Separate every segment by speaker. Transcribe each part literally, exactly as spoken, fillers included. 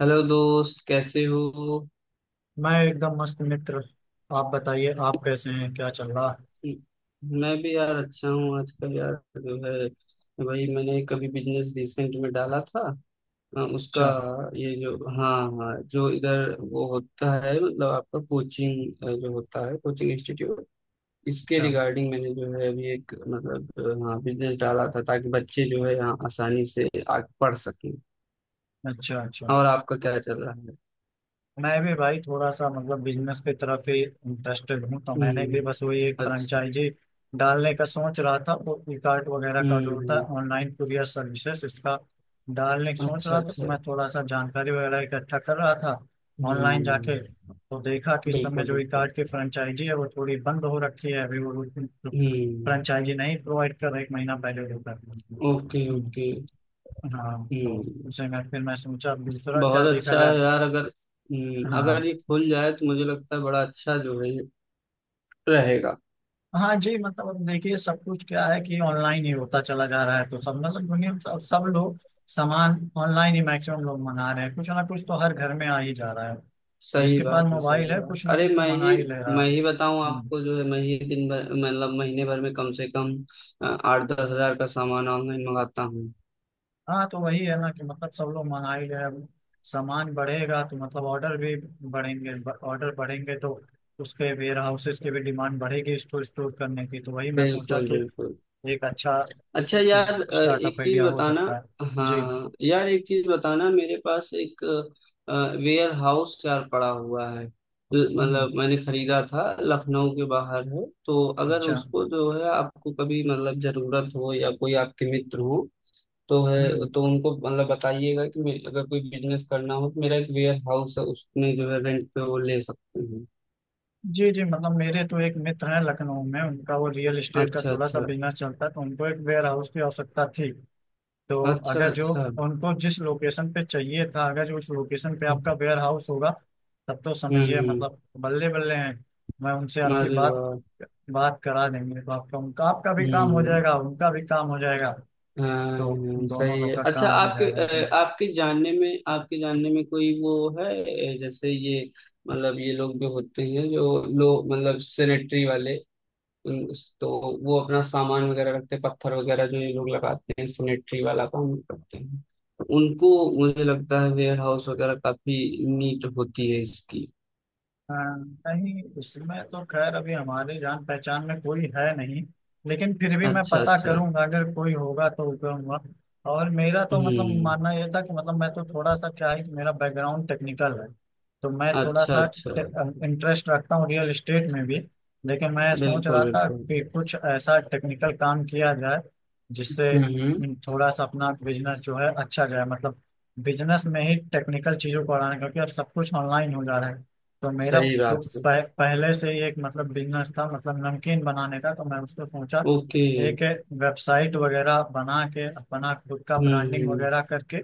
Speaker 1: Hello दोस्त, कैसे हो।
Speaker 2: मैं एकदम मस्त मित्र। आप बताइए आप कैसे हैं क्या चल रहा।
Speaker 1: मैं भी यार अच्छा हूँ आजकल यार। जो है वही मैंने कभी बिजनेस रिसेंट में डाला था। अ, उसका
Speaker 2: अच्छा
Speaker 1: ये जो हाँ। हाँ, जो इधर वो होता है मतलब आपका कोचिंग, जो होता है कोचिंग इंस्टीट्यूट। इसके
Speaker 2: अच्छा।
Speaker 1: रिगार्डिंग मैंने जो है अभी एक मतलब अ, हाँ बिजनेस डाला था, ताकि बच्चे जो है यहाँ आसानी से आ पढ़ सकें।
Speaker 2: अच्छा अच्छा।
Speaker 1: और आपका क्या चल रहा है।
Speaker 2: मैं भी भाई थोड़ा सा मतलब बिजनेस की तरफ ही इंटरेस्टेड हूँ, तो मैंने भी
Speaker 1: हम्म।
Speaker 2: बस वही एक
Speaker 1: अच्छा।
Speaker 2: फ्रेंचाइजी डालने का सोच रहा था। वो फ्लिपकार्ट वगैरह का जो होता
Speaker 1: हम्म।
Speaker 2: है ऑनलाइन कुरियर सर्विसेज, इसका डालने की सोच
Speaker 1: अच्छा
Speaker 2: रहा था, तो
Speaker 1: अच्छा।
Speaker 2: मैं थोड़ा सा जानकारी वगैरह इकट्ठा कर रहा था। ऑनलाइन जाके
Speaker 1: हम्म।
Speaker 2: तो देखा कि इस समय
Speaker 1: बिल्कुल
Speaker 2: जो
Speaker 1: बिल्कुल।
Speaker 2: इकार्ट की फ्रेंचाइजी है वो थोड़ी बंद हो रखी है, अभी वो
Speaker 1: हम्म।
Speaker 2: फ्रेंचाइजी नहीं प्रोवाइड कर रहा, एक महीना पहले वो कर रही थी।
Speaker 1: ओके
Speaker 2: हम्म।
Speaker 1: ओके।
Speaker 2: हाँ तो
Speaker 1: हम्म।
Speaker 2: उसे मैं फिर मैं सोचा अब दूसरा क्या
Speaker 1: बहुत
Speaker 2: देखा
Speaker 1: अच्छा
Speaker 2: जाए।
Speaker 1: है यार अगर। हम्म, अगर
Speaker 2: हाँ
Speaker 1: ये खुल जाए तो मुझे लगता है बड़ा अच्छा जो है ये रहेगा।
Speaker 2: हाँ जी, मतलब अब देखिए सब कुछ क्या है कि ऑनलाइन ही होता चला जा रहा है, तो सब मतलब दुनिया में सब सब लोग सामान ऑनलाइन ही मैक्सिमम लोग मंगा रहे हैं, कुछ ना कुछ तो हर घर में आ ही जा रहा है,
Speaker 1: सही
Speaker 2: जिसके पास
Speaker 1: बात है,
Speaker 2: मोबाइल
Speaker 1: सही
Speaker 2: है
Speaker 1: बात।
Speaker 2: कुछ ना
Speaker 1: अरे
Speaker 2: कुछ तो
Speaker 1: मैं
Speaker 2: मंगा
Speaker 1: ही
Speaker 2: ही ले रहा है।
Speaker 1: मैं ही बताऊं
Speaker 2: हम्म।
Speaker 1: आपको, जो है मैं ही दिन भर मतलब महीने भर में कम से कम अ, आठ दस हजार का सामान ऑनलाइन मंगाता हूँ।
Speaker 2: हाँ तो वही है ना कि मतलब सब लोग मंगा ही ले रहे हैं, सामान बढ़ेगा तो मतलब ऑर्डर भी बढ़ेंगे, ऑर्डर बढ़ेंगे तो उसके वेयर हाउसेस की भी डिमांड बढ़ेगी, स्टोर स्टोर करने की, तो वही मैं सोचा
Speaker 1: बिल्कुल
Speaker 2: कि
Speaker 1: बिल्कुल।
Speaker 2: एक अच्छा
Speaker 1: अच्छा यार, अ,
Speaker 2: स्टार्टअप
Speaker 1: एक चीज
Speaker 2: आइडिया हो
Speaker 1: बताना।
Speaker 2: सकता है
Speaker 1: हाँ
Speaker 2: जी।
Speaker 1: हाँ। यार एक चीज बताना, मेरे पास एक वेयर हाउस यार पड़ा हुआ है। ल-
Speaker 2: हम्म।
Speaker 1: मतलब मैंने खरीदा था, लखनऊ के बाहर है, तो अगर
Speaker 2: अच्छा।
Speaker 1: उसको जो है आपको कभी मतलब जरूरत हो या कोई आपके मित्र हो तो
Speaker 2: हम्म।
Speaker 1: है, तो उनको मतलब बताइएगा कि मे- अगर कोई बिजनेस करना हो तो मेरा एक वेयर हाउस है, उसमें जो है रेंट पे वो ले सकते हैं।
Speaker 2: जी जी, मतलब मेरे तो एक मित्र हैं लखनऊ में, उनका वो रियल एस्टेट का
Speaker 1: अच्छा
Speaker 2: थोड़ा सा
Speaker 1: अच्छा।
Speaker 2: बिजनेस चलता है, तो उनको एक वेयर हाउस की आवश्यकता थी। तो
Speaker 1: अच्छा
Speaker 2: अगर जो
Speaker 1: अच्छा।
Speaker 2: उनको जिस लोकेशन पे चाहिए था, अगर जो उस लोकेशन पे
Speaker 1: हम्म
Speaker 2: आपका वेयर हाउस होगा, तब तो समझिए
Speaker 1: हम्म।
Speaker 2: मतलब बल्ले बल्ले हैं। मैं उनसे आपकी
Speaker 1: अरे
Speaker 2: बात
Speaker 1: वाह।
Speaker 2: बात करा देंगे, तो आपका उनका, आपका भी काम हो
Speaker 1: हम्म।
Speaker 2: जाएगा उनका भी काम हो जाएगा, तो
Speaker 1: हाँ,
Speaker 2: दोनों
Speaker 1: सही है।
Speaker 2: लोग का
Speaker 1: अच्छा,
Speaker 2: काम हो
Speaker 1: आपके
Speaker 2: जाएगा ऐसे।
Speaker 1: अ, आपके जानने में आपके जानने में कोई वो है। अ, जैसे ये मतलब ये लोग जो होते हैं, जो लोग मतलब सेनेटरी वाले। उन- तो वो अपना सामान वगैरह रखते हैं, पत्थर वगैरह जो ये लोग लगाते हैं, सेनेटरी वाला काम करते हैं उनको। मुझे लगता है वेयर हाउस वगैरह काफी नीट होती है इसकी।
Speaker 2: हाँ। नहीं, इसमें तो खैर अभी हमारे जान पहचान में कोई है नहीं, लेकिन फिर भी मैं
Speaker 1: अच्छा
Speaker 2: पता
Speaker 1: अच्छा।
Speaker 2: करूंगा, अगर कोई होगा तो करूंगा। और मेरा तो मतलब
Speaker 1: हम्म।
Speaker 2: मानना यह था कि मतलब मैं तो थोड़ा सा क्या है कि मेरा बैकग्राउंड टेक्निकल है, तो मैं थोड़ा
Speaker 1: अच्छा
Speaker 2: सा
Speaker 1: अच्छा।
Speaker 2: इंटरेस्ट रखता हूँ रियल इस्टेट में भी। लेकिन मैं सोच
Speaker 1: बिल्कुल
Speaker 2: रहा था
Speaker 1: बिल्कुल।
Speaker 2: कि कुछ ऐसा टेक्निकल काम किया जाए जिससे
Speaker 1: हम्म हम्म।
Speaker 2: थोड़ा सा अपना बिजनेस जो है अच्छा जाए, मतलब बिजनेस में ही टेक्निकल चीजों को बढ़ाना, क्योंकि अब सब कुछ ऑनलाइन हो जा रहा है। तो मेरा
Speaker 1: सही
Speaker 2: पु-
Speaker 1: बात है।
Speaker 2: पह, पहले से ही एक मतलब बिजनेस था, मतलब नमकीन बनाने का, तो मैं उसको सोचा
Speaker 1: ओके।
Speaker 2: एक वेबसाइट वगैरह बना के अपना खुद का
Speaker 1: हम्म
Speaker 2: ब्रांडिंग
Speaker 1: हम्म।
Speaker 2: वगैरह करके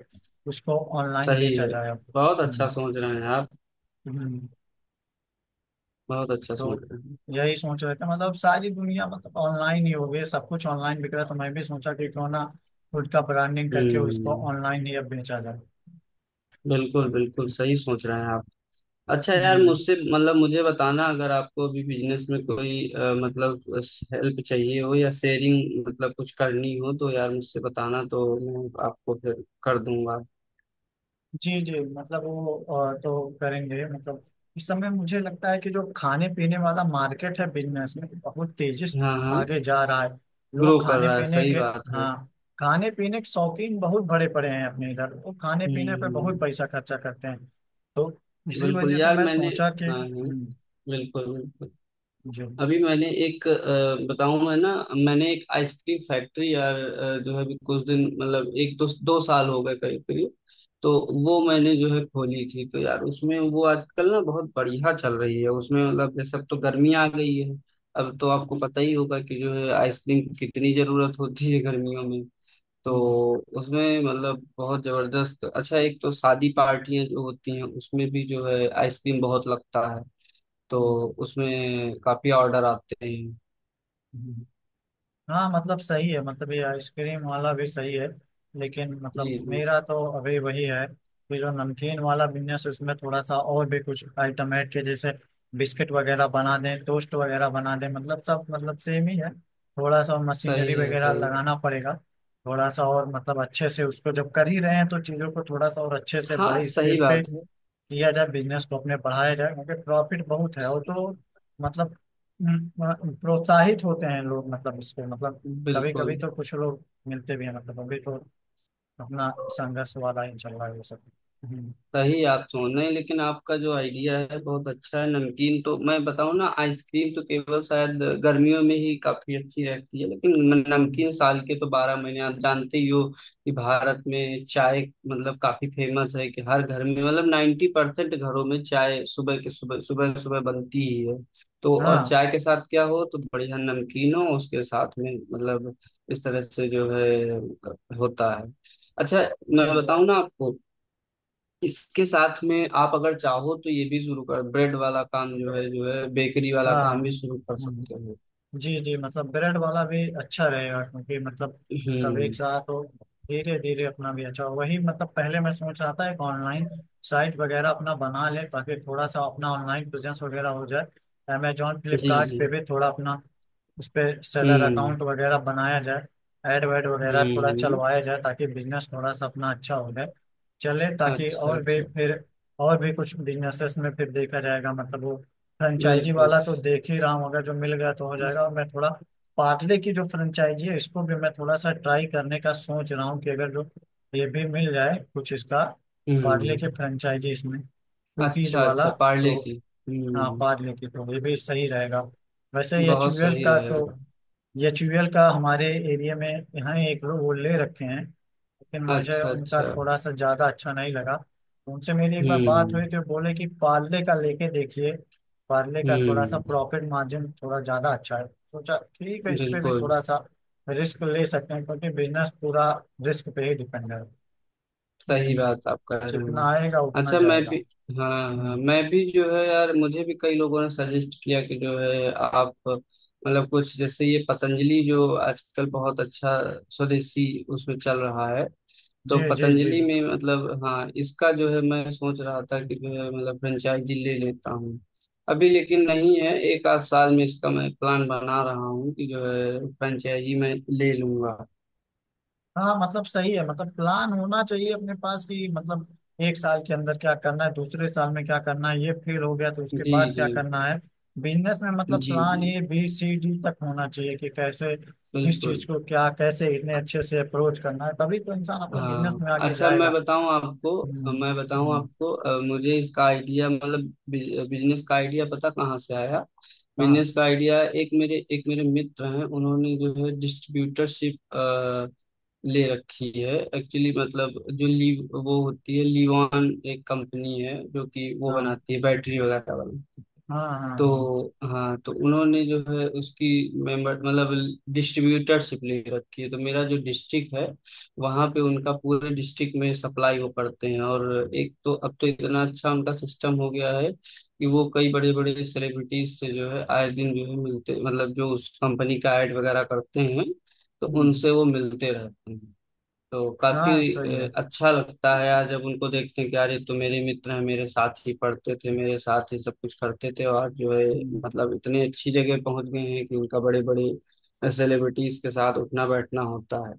Speaker 2: उसको ऑनलाइन
Speaker 1: सही
Speaker 2: बेचा
Speaker 1: है।
Speaker 2: जाए अब।
Speaker 1: बहुत अच्छा
Speaker 2: हम्म।
Speaker 1: सोच रहे हैं आप।
Speaker 2: हम्म।
Speaker 1: बहुत अच्छा
Speaker 2: तो
Speaker 1: सोच रहे हैं।
Speaker 2: यही सोच रहे थे, मतलब सारी दुनिया मतलब ऑनलाइन ही हो गई, सब कुछ ऑनलाइन बिक रहा है, तो मैं भी सोचा कि क्यों ना खुद का ब्रांडिंग करके उसको
Speaker 1: हम्म।
Speaker 2: ऑनलाइन ही अब बेचा जाए।
Speaker 1: बिल्कुल बिल्कुल, सही सोच रहे हैं आप। अच्छा यार,
Speaker 2: हम्म।
Speaker 1: मुझसे मतलब मुझे बताना, अगर आपको अभी बिजनेस में कोई अ, मतलब हेल्प चाहिए हो या शेयरिंग मतलब कुछ करनी हो तो यार मुझसे बताना, तो मैं आपको फिर कर दूंगा।
Speaker 2: जी जी, मतलब वो अ, तो करेंगे, मतलब इस समय मुझे लगता है कि जो खाने पीने वाला मार्केट है बिजनेस में बहुत तेजी से
Speaker 1: हाँ हाँ।
Speaker 2: आगे जा रहा है,
Speaker 1: ग्रो
Speaker 2: लोग
Speaker 1: कर
Speaker 2: खाने
Speaker 1: रहा है,
Speaker 2: पीने
Speaker 1: सही
Speaker 2: के।
Speaker 1: बात है।
Speaker 2: हाँ, खाने पीने के शौकीन बहुत बड़े पड़े हैं अपने इधर, वो खाने पीने पे
Speaker 1: हम्म।
Speaker 2: बहुत पैसा खर्चा करते हैं, तो इसी
Speaker 1: बिल्कुल
Speaker 2: वजह से
Speaker 1: यार,
Speaker 2: मैं
Speaker 1: मैंने।
Speaker 2: सोचा कि।
Speaker 1: हाँ हाँ।
Speaker 2: हम्म।
Speaker 1: बिल्कुल बिल्कुल।
Speaker 2: जी। हम्म।
Speaker 1: अभी मैंने एक अ, बताऊं मैं ना। मैंने एक आइसक्रीम फैक्ट्री यार, अ, जो है अभी कुछ दिन मतलब एक दो दो साल हो गए करीब करीब। तो वो मैंने जो है खोली थी, तो यार उसमें वो आजकल ना बहुत बढ़िया चल रही है। उसमें मतलब जैसे अब तो गर्मी आ गई है, अब तो आपको पता ही होगा कि जो है आइसक्रीम की कितनी जरूरत होती है गर्मियों में।
Speaker 2: हम्म।
Speaker 1: तो उसमें मतलब बहुत जबरदस्त अच्छा। एक तो शादी पार्टियां जो होती हैं, उसमें भी जो है आइसक्रीम बहुत लगता है। तो
Speaker 2: हम्म।
Speaker 1: उसमें काफी ऑर्डर आते हैं।
Speaker 2: हम्म। हाँ मतलब सही है, मतलब ये आइसक्रीम वाला भी सही है, लेकिन मतलब
Speaker 1: जी जी।
Speaker 2: मेरा तो अभी वही है कि जो नमकीन वाला बिजनेस, उसमें थोड़ा सा और भी कुछ आइटम ऐड के, जैसे बिस्किट वगैरह बना दें, टोस्ट वगैरह बना दें, मतलब सब मतलब सेम ही है। थोड़ा सा मशीनरी
Speaker 1: सही है
Speaker 2: वगैरह
Speaker 1: सही है।
Speaker 2: लगाना पड़ेगा, थोड़ा सा और मतलब अच्छे से उसको जब कर ही रहे हैं, तो चीज़ों को थोड़ा सा और अच्छे से
Speaker 1: हाँ
Speaker 2: बड़े
Speaker 1: सही
Speaker 2: स्केल पे
Speaker 1: बात है।
Speaker 2: किया जाए, बिजनेस को अपने बढ़ाया जाए, क्योंकि प्रॉफिट बहुत है। और तो मतलब हम्म, प्रोत्साहित होते हैं लोग, मतलब इसको मतलब कभी
Speaker 1: बिल्कुल।
Speaker 2: कभी तो कुछ लोग मिलते भी हैं, मतलब अभी तो अपना संघर्ष वाला ही चल रहा है ये सब। हम्म।
Speaker 1: सही आप सोच रहे हैं, लेकिन आपका जो आइडिया है बहुत अच्छा है नमकीन। तो मैं बताऊं ना, आइसक्रीम तो केवल शायद गर्मियों में ही काफी अच्छी रहती है, लेकिन न-
Speaker 2: हम्म।
Speaker 1: नमकीन साल के तो बारह महीने आप जानते ही हो कि भारत में चाय मतलब काफी फेमस है। कि हर घर में मतलब नाइन्टी परसेंट घरों में चाय सुबह के सुबह सुबह सुबह बनती ही है। तो और
Speaker 2: हाँ
Speaker 1: चाय के साथ क्या हो तो बढ़िया नमकीन हो उसके साथ में मतलब। इस तरह से जो है होता है। अच्छा मैं
Speaker 2: जी।
Speaker 1: बताऊं ना आपको, इसके साथ में आप अगर चाहो तो ये भी शुरू कर, ब्रेड वाला काम जो है जो है बेकरी वाला
Speaker 2: हाँ।
Speaker 1: काम भी शुरू कर
Speaker 2: हम्म।
Speaker 1: सकते हो।
Speaker 2: जी जी, मतलब ब्रेड वाला भी अच्छा रहेगा, क्योंकि मतलब सब एक
Speaker 1: हम्म।
Speaker 2: साथ हो, धीरे धीरे अपना भी अच्छा हो, वही मतलब पहले मैं सोच रहा था एक ऑनलाइन साइट वगैरह अपना बना ले, ताकि थोड़ा सा अपना ऑनलाइन बिजनेस वगैरह हो जाए। अमेजोन
Speaker 1: जी
Speaker 2: फ्लिपकार्ट
Speaker 1: जी।
Speaker 2: पे भी थोड़ा अपना उस पर सेलर
Speaker 1: हम्म
Speaker 2: अकाउंट वगैरह बनाया जाए, ऐड वैड वगैरह थोड़ा
Speaker 1: हम्म।
Speaker 2: चलवाया जाए, ताकि बिजनेस थोड़ा सा अपना अच्छा हो जाए चले, ताकि
Speaker 1: अच्छा
Speaker 2: और भी
Speaker 1: अच्छा।
Speaker 2: फिर और भी कुछ बिजनेसेस में फिर देखा जाएगा। मतलब वो फ्रेंचाइजी
Speaker 1: बिल्कुल।
Speaker 2: वाला तो देख ही रहा हूँ, अगर जो मिल गया तो हो जाएगा, और मैं थोड़ा पार्ले की जो फ्रेंचाइजी है, इसको भी मैं थोड़ा सा ट्राई करने का सोच रहा हूँ, कि अगर जो ये भी मिल जाए कुछ इसका। पार्ले
Speaker 1: हम्म।
Speaker 2: की फ्रेंचाइजी, इसमें कुकीज
Speaker 1: अच्छा
Speaker 2: वाला,
Speaker 1: अच्छा पार्ले
Speaker 2: तो
Speaker 1: की।
Speaker 2: हाँ
Speaker 1: हम्म।
Speaker 2: पार्ले की तो ये भी सही रहेगा। वैसे ही
Speaker 1: बहुत
Speaker 2: एच यू एल
Speaker 1: सही
Speaker 2: का तो
Speaker 1: रहेगा।
Speaker 2: एच यू एल का हमारे एरिया में यहाँ एक लोग वो ले रखे हैं, लेकिन मुझे
Speaker 1: अच्छा
Speaker 2: उनका
Speaker 1: अच्छा।
Speaker 2: थोड़ा सा ज़्यादा अच्छा नहीं लगा, उनसे मेरी एक बार बात
Speaker 1: हम्म
Speaker 2: हुई तो बोले कि पार्ले का लेके देखिए। पार्ले का थोड़ा सा
Speaker 1: हम्म।
Speaker 2: प्रॉफिट मार्जिन थोड़ा ज़्यादा अच्छा है, सोचा ठीक है, इस पे भी
Speaker 1: बिल्कुल।
Speaker 2: थोड़ा सा रिस्क ले सकते हैं, क्योंकि बिजनेस पूरा रिस्क पे ही डिपेंड है।
Speaker 1: सही
Speaker 2: हम्म,
Speaker 1: बात आप कह रहे
Speaker 2: जितना
Speaker 1: हैं।
Speaker 2: आएगा उतना
Speaker 1: अच्छा मैं
Speaker 2: जाएगा।
Speaker 1: भी। हाँ हाँ,
Speaker 2: हम्म।
Speaker 1: मैं भी जो है यार, मुझे भी कई लोगों ने सजेस्ट किया कि जो है आप मतलब कुछ जैसे ये पतंजलि जो आजकल बहुत अच्छा स्वदेशी उसमें चल रहा है।
Speaker 2: जी
Speaker 1: तो
Speaker 2: जी जी।
Speaker 1: पतंजलि में मतलब हाँ इसका जो है मैं सोच रहा था कि जो है मतलब फ्रेंचाइजी ले लेता हूँ अभी, लेकिन नहीं है, एक आध साल में इसका मैं प्लान बना रहा हूँ कि जो है फ्रेंचाइजी मैं ले लूंगा।
Speaker 2: हाँ मतलब सही है, मतलब प्लान होना चाहिए अपने पास, कि मतलब एक साल के अंदर क्या करना है, दूसरे साल में क्या करना है, ये फेल हो गया तो उसके
Speaker 1: जी
Speaker 2: बाद क्या
Speaker 1: जी।
Speaker 2: करना है। बिजनेस में मतलब
Speaker 1: जी
Speaker 2: प्लान
Speaker 1: जी।
Speaker 2: ए बी सी डी तक होना चाहिए, कि कैसे किस
Speaker 1: बिल्कुल।
Speaker 2: चीज को क्या कैसे इतने अच्छे से अप्रोच करना है, तभी तो इंसान अपना बिजनेस
Speaker 1: हाँ,
Speaker 2: में आगे
Speaker 1: अच्छा मैं
Speaker 2: जाएगा।
Speaker 1: बताऊं आपको
Speaker 2: हम्म।
Speaker 1: मैं बताऊं
Speaker 2: हम्म।
Speaker 1: आपको अ, मुझे इसका आइडिया मतलब बिजनेस का आइडिया पता कहाँ से आया।
Speaker 2: हाँ।
Speaker 1: बिजनेस का आइडिया, एक मेरे एक मेरे मित्र हैं, उन्होंने जो है डिस्ट्रीब्यूटरशिप ले रखी है एक्चुअली। मतलब जो ली वो होती है लीवान, एक कंपनी है जो कि वो
Speaker 2: हाँ।
Speaker 1: बनाती है बैटरी वगैरह वाली।
Speaker 2: हाँ। हाँ।
Speaker 1: तो
Speaker 2: हाँ।
Speaker 1: हाँ, तो उन्होंने जो है उसकी मेंबर मतलब डिस्ट्रीब्यूटरशिप ले रखी है। तो मेरा जो डिस्ट्रिक्ट है, वहाँ पे उनका पूरे डिस्ट्रिक्ट में सप्लाई वो करते हैं। और एक तो अब तो इतना अच्छा उनका सिस्टम हो गया है कि वो कई बड़े बड़े सेलिब्रिटीज से जो है आए दिन जो है मिलते, मतलब जो उस कंपनी का एड वगैरह करते हैं, तो
Speaker 2: हम्म।
Speaker 1: उनसे वो मिलते रहते हैं। तो काफी
Speaker 2: हाँ सही है।
Speaker 1: अ, अच्छा लगता है यार, जब उनको देखते हैं कि यार ये तो मेरे मित्र हैं, मेरे साथ ही पढ़ते थे, मेरे साथ ही सब कुछ करते थे, और जो है
Speaker 2: हम्म।
Speaker 1: मतलब इतनी अच्छी जगह पहुंच गए हैं कि उनका बड़े बड़े सेलिब्रिटीज के साथ उठना बैठना होता है।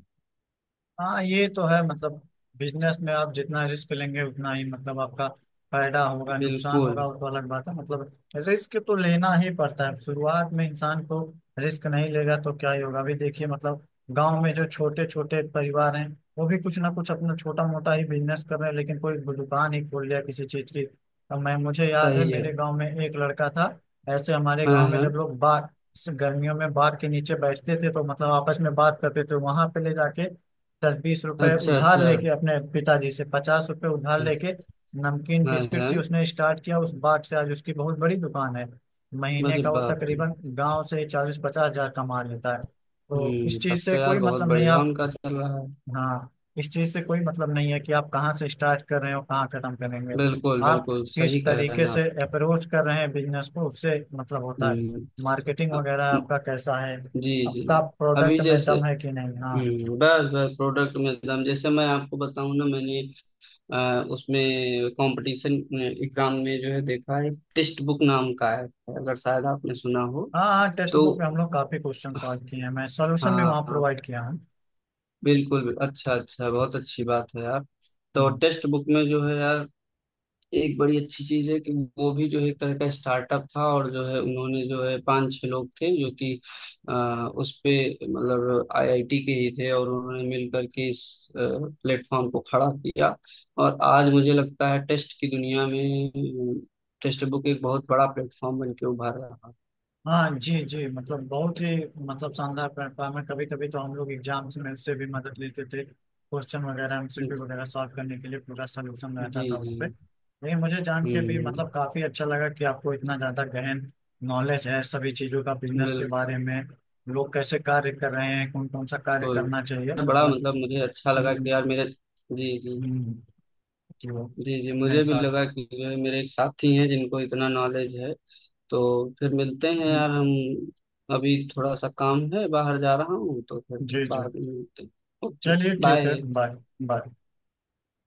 Speaker 2: हाँ ये तो है, मतलब बिजनेस में आप जितना रिस्क लेंगे उतना ही मतलब आपका फायदा होगा नुकसान होगा
Speaker 1: बिल्कुल।
Speaker 2: वो तो अलग बात है, मतलब रिस्क तो लेना ही पड़ता है शुरुआत में इंसान को, रिस्क नहीं लेगा तो क्या ही होगा। अभी देखिए मतलब गांव में जो छोटे छोटे परिवार हैं, वो भी कुछ ना कुछ अपना छोटा मोटा ही बिजनेस कर रहे हैं, लेकिन कोई दुकान ही खोल लिया किसी चीज की। अब मैं, मुझे याद है
Speaker 1: सही है।
Speaker 2: मेरे गाँव में एक लड़का था, ऐसे हमारे
Speaker 1: हाँ
Speaker 2: गाँव में
Speaker 1: हाँ।
Speaker 2: जब लोग बाग गर्मियों में बाग के नीचे बैठते थे, तो मतलब आपस में बात करते थे, वहां पे ले जाके दस बीस रुपए
Speaker 1: अच्छा
Speaker 2: उधार
Speaker 1: अच्छा।
Speaker 2: लेके, अपने पिताजी से पचास रुपए उधार लेके, नमकीन
Speaker 1: हाँ
Speaker 2: बिस्किट
Speaker 1: हाँ।
Speaker 2: से उसने स्टार्ट किया, उस बाट से आज उसकी बहुत बड़ी दुकान है। महीने
Speaker 1: अरे
Speaker 2: का वो
Speaker 1: बाप रे।
Speaker 2: तकरीबन गांव से चालीस पचास हजार कमा लेता है, तो इस
Speaker 1: हम्म, तब
Speaker 2: चीज से
Speaker 1: तो
Speaker 2: कोई
Speaker 1: यार बहुत
Speaker 2: मतलब नहीं
Speaker 1: बढ़िया
Speaker 2: आप।
Speaker 1: उनका चल रहा है।
Speaker 2: हाँ। इस चीज से कोई मतलब नहीं है कि आप कहाँ से स्टार्ट कर रहे हो कहाँ खत्म करेंगे,
Speaker 1: बिल्कुल
Speaker 2: आप
Speaker 1: बिल्कुल,
Speaker 2: किस
Speaker 1: सही कह रहे
Speaker 2: तरीके
Speaker 1: हैं
Speaker 2: से
Speaker 1: आप।
Speaker 2: अप्रोच कर रहे हैं बिजनेस को उससे मतलब होता है।
Speaker 1: हम्म।
Speaker 2: मार्केटिंग
Speaker 1: अ-
Speaker 2: वगैरह आपका कैसा है,
Speaker 1: जी जी।
Speaker 2: आपका प्रोडक्ट
Speaker 1: अभी
Speaker 2: में
Speaker 1: जैसे।
Speaker 2: दम है कि नहीं। हाँ।
Speaker 1: हम्म, बस बस प्रोडक्ट में दम, जैसे मैं आपको बताऊं ना, मैंने अ, उसमें कंपटीशन एग्जाम में जो है देखा है, टेक्स्ट बुक नाम का है, अगर शायद आपने सुना हो
Speaker 2: हाँ हाँ। टेक्स्ट
Speaker 1: तो।
Speaker 2: बुक में हम लोग काफी क्वेश्चन
Speaker 1: हाँ
Speaker 2: सॉल्व किए हैं, मैं सॉल्यूशन भी वहाँ
Speaker 1: हाँ,
Speaker 2: प्रोवाइड किया हूँ।
Speaker 1: बिल्कुल। अच्छा अच्छा, बहुत अच्छी बात है यार। तो
Speaker 2: हम्म।
Speaker 1: टेक्स्ट बुक में जो है यार एक बड़ी अच्छी चीज है कि वो भी जो है एक तरह का स्टार्टअप था, और जो है उन्होंने जो है पांच छह लोग थे जो कि आ, उस पे मतलब आई आई टी के ही थे, और उन्होंने मिलकर के इस प्लेटफॉर्म को खड़ा किया। और आज मुझे लगता है टेस्ट की दुनिया में टेस्ट बुक एक बहुत बड़ा प्लेटफॉर्म बन के उभर रहा
Speaker 2: हाँ जी जी, मतलब बहुत ही मतलब शानदार प्लेटफॉर्म है, कभी कभी तो हम लोग एग्जाम्स में उससे भी मदद लेते थे, क्वेश्चन वगैरह
Speaker 1: है।
Speaker 2: एम सी क्यू वगैरह सॉल्व करने के लिए पूरा सोल्यूशन रहता
Speaker 1: जी
Speaker 2: था उस
Speaker 1: जी।
Speaker 2: पर। लेकिन मुझे जान के भी
Speaker 1: हम्म।
Speaker 2: मतलब काफी अच्छा लगा कि आपको इतना ज्यादा गहन नॉलेज है सभी चीजों का बिजनेस के
Speaker 1: बिल्कुल।
Speaker 2: बारे में, लोग कैसे कार्य कर रहे हैं, कौन कौन सा कार्य करना चाहिए
Speaker 1: बड़ा
Speaker 2: मतलब।
Speaker 1: मतलब मुझे अच्छा लगा कि
Speaker 2: हम्म।
Speaker 1: यार मेरे। जी जी।
Speaker 2: हम्म। कि वो
Speaker 1: जी जी,
Speaker 2: अपने
Speaker 1: मुझे भी
Speaker 2: साथ।
Speaker 1: लगा कि जो है मेरे एक साथी हैं जिनको इतना नॉलेज है। तो फिर मिलते हैं
Speaker 2: हम्म।
Speaker 1: यार हम, अभी थोड़ा सा काम है, बाहर जा रहा हूँ, तो फिर
Speaker 2: जी जी।
Speaker 1: बाद में मिलते हैं। ओके
Speaker 2: चलिए ठीक है,
Speaker 1: बाय।
Speaker 2: बाय। बाय।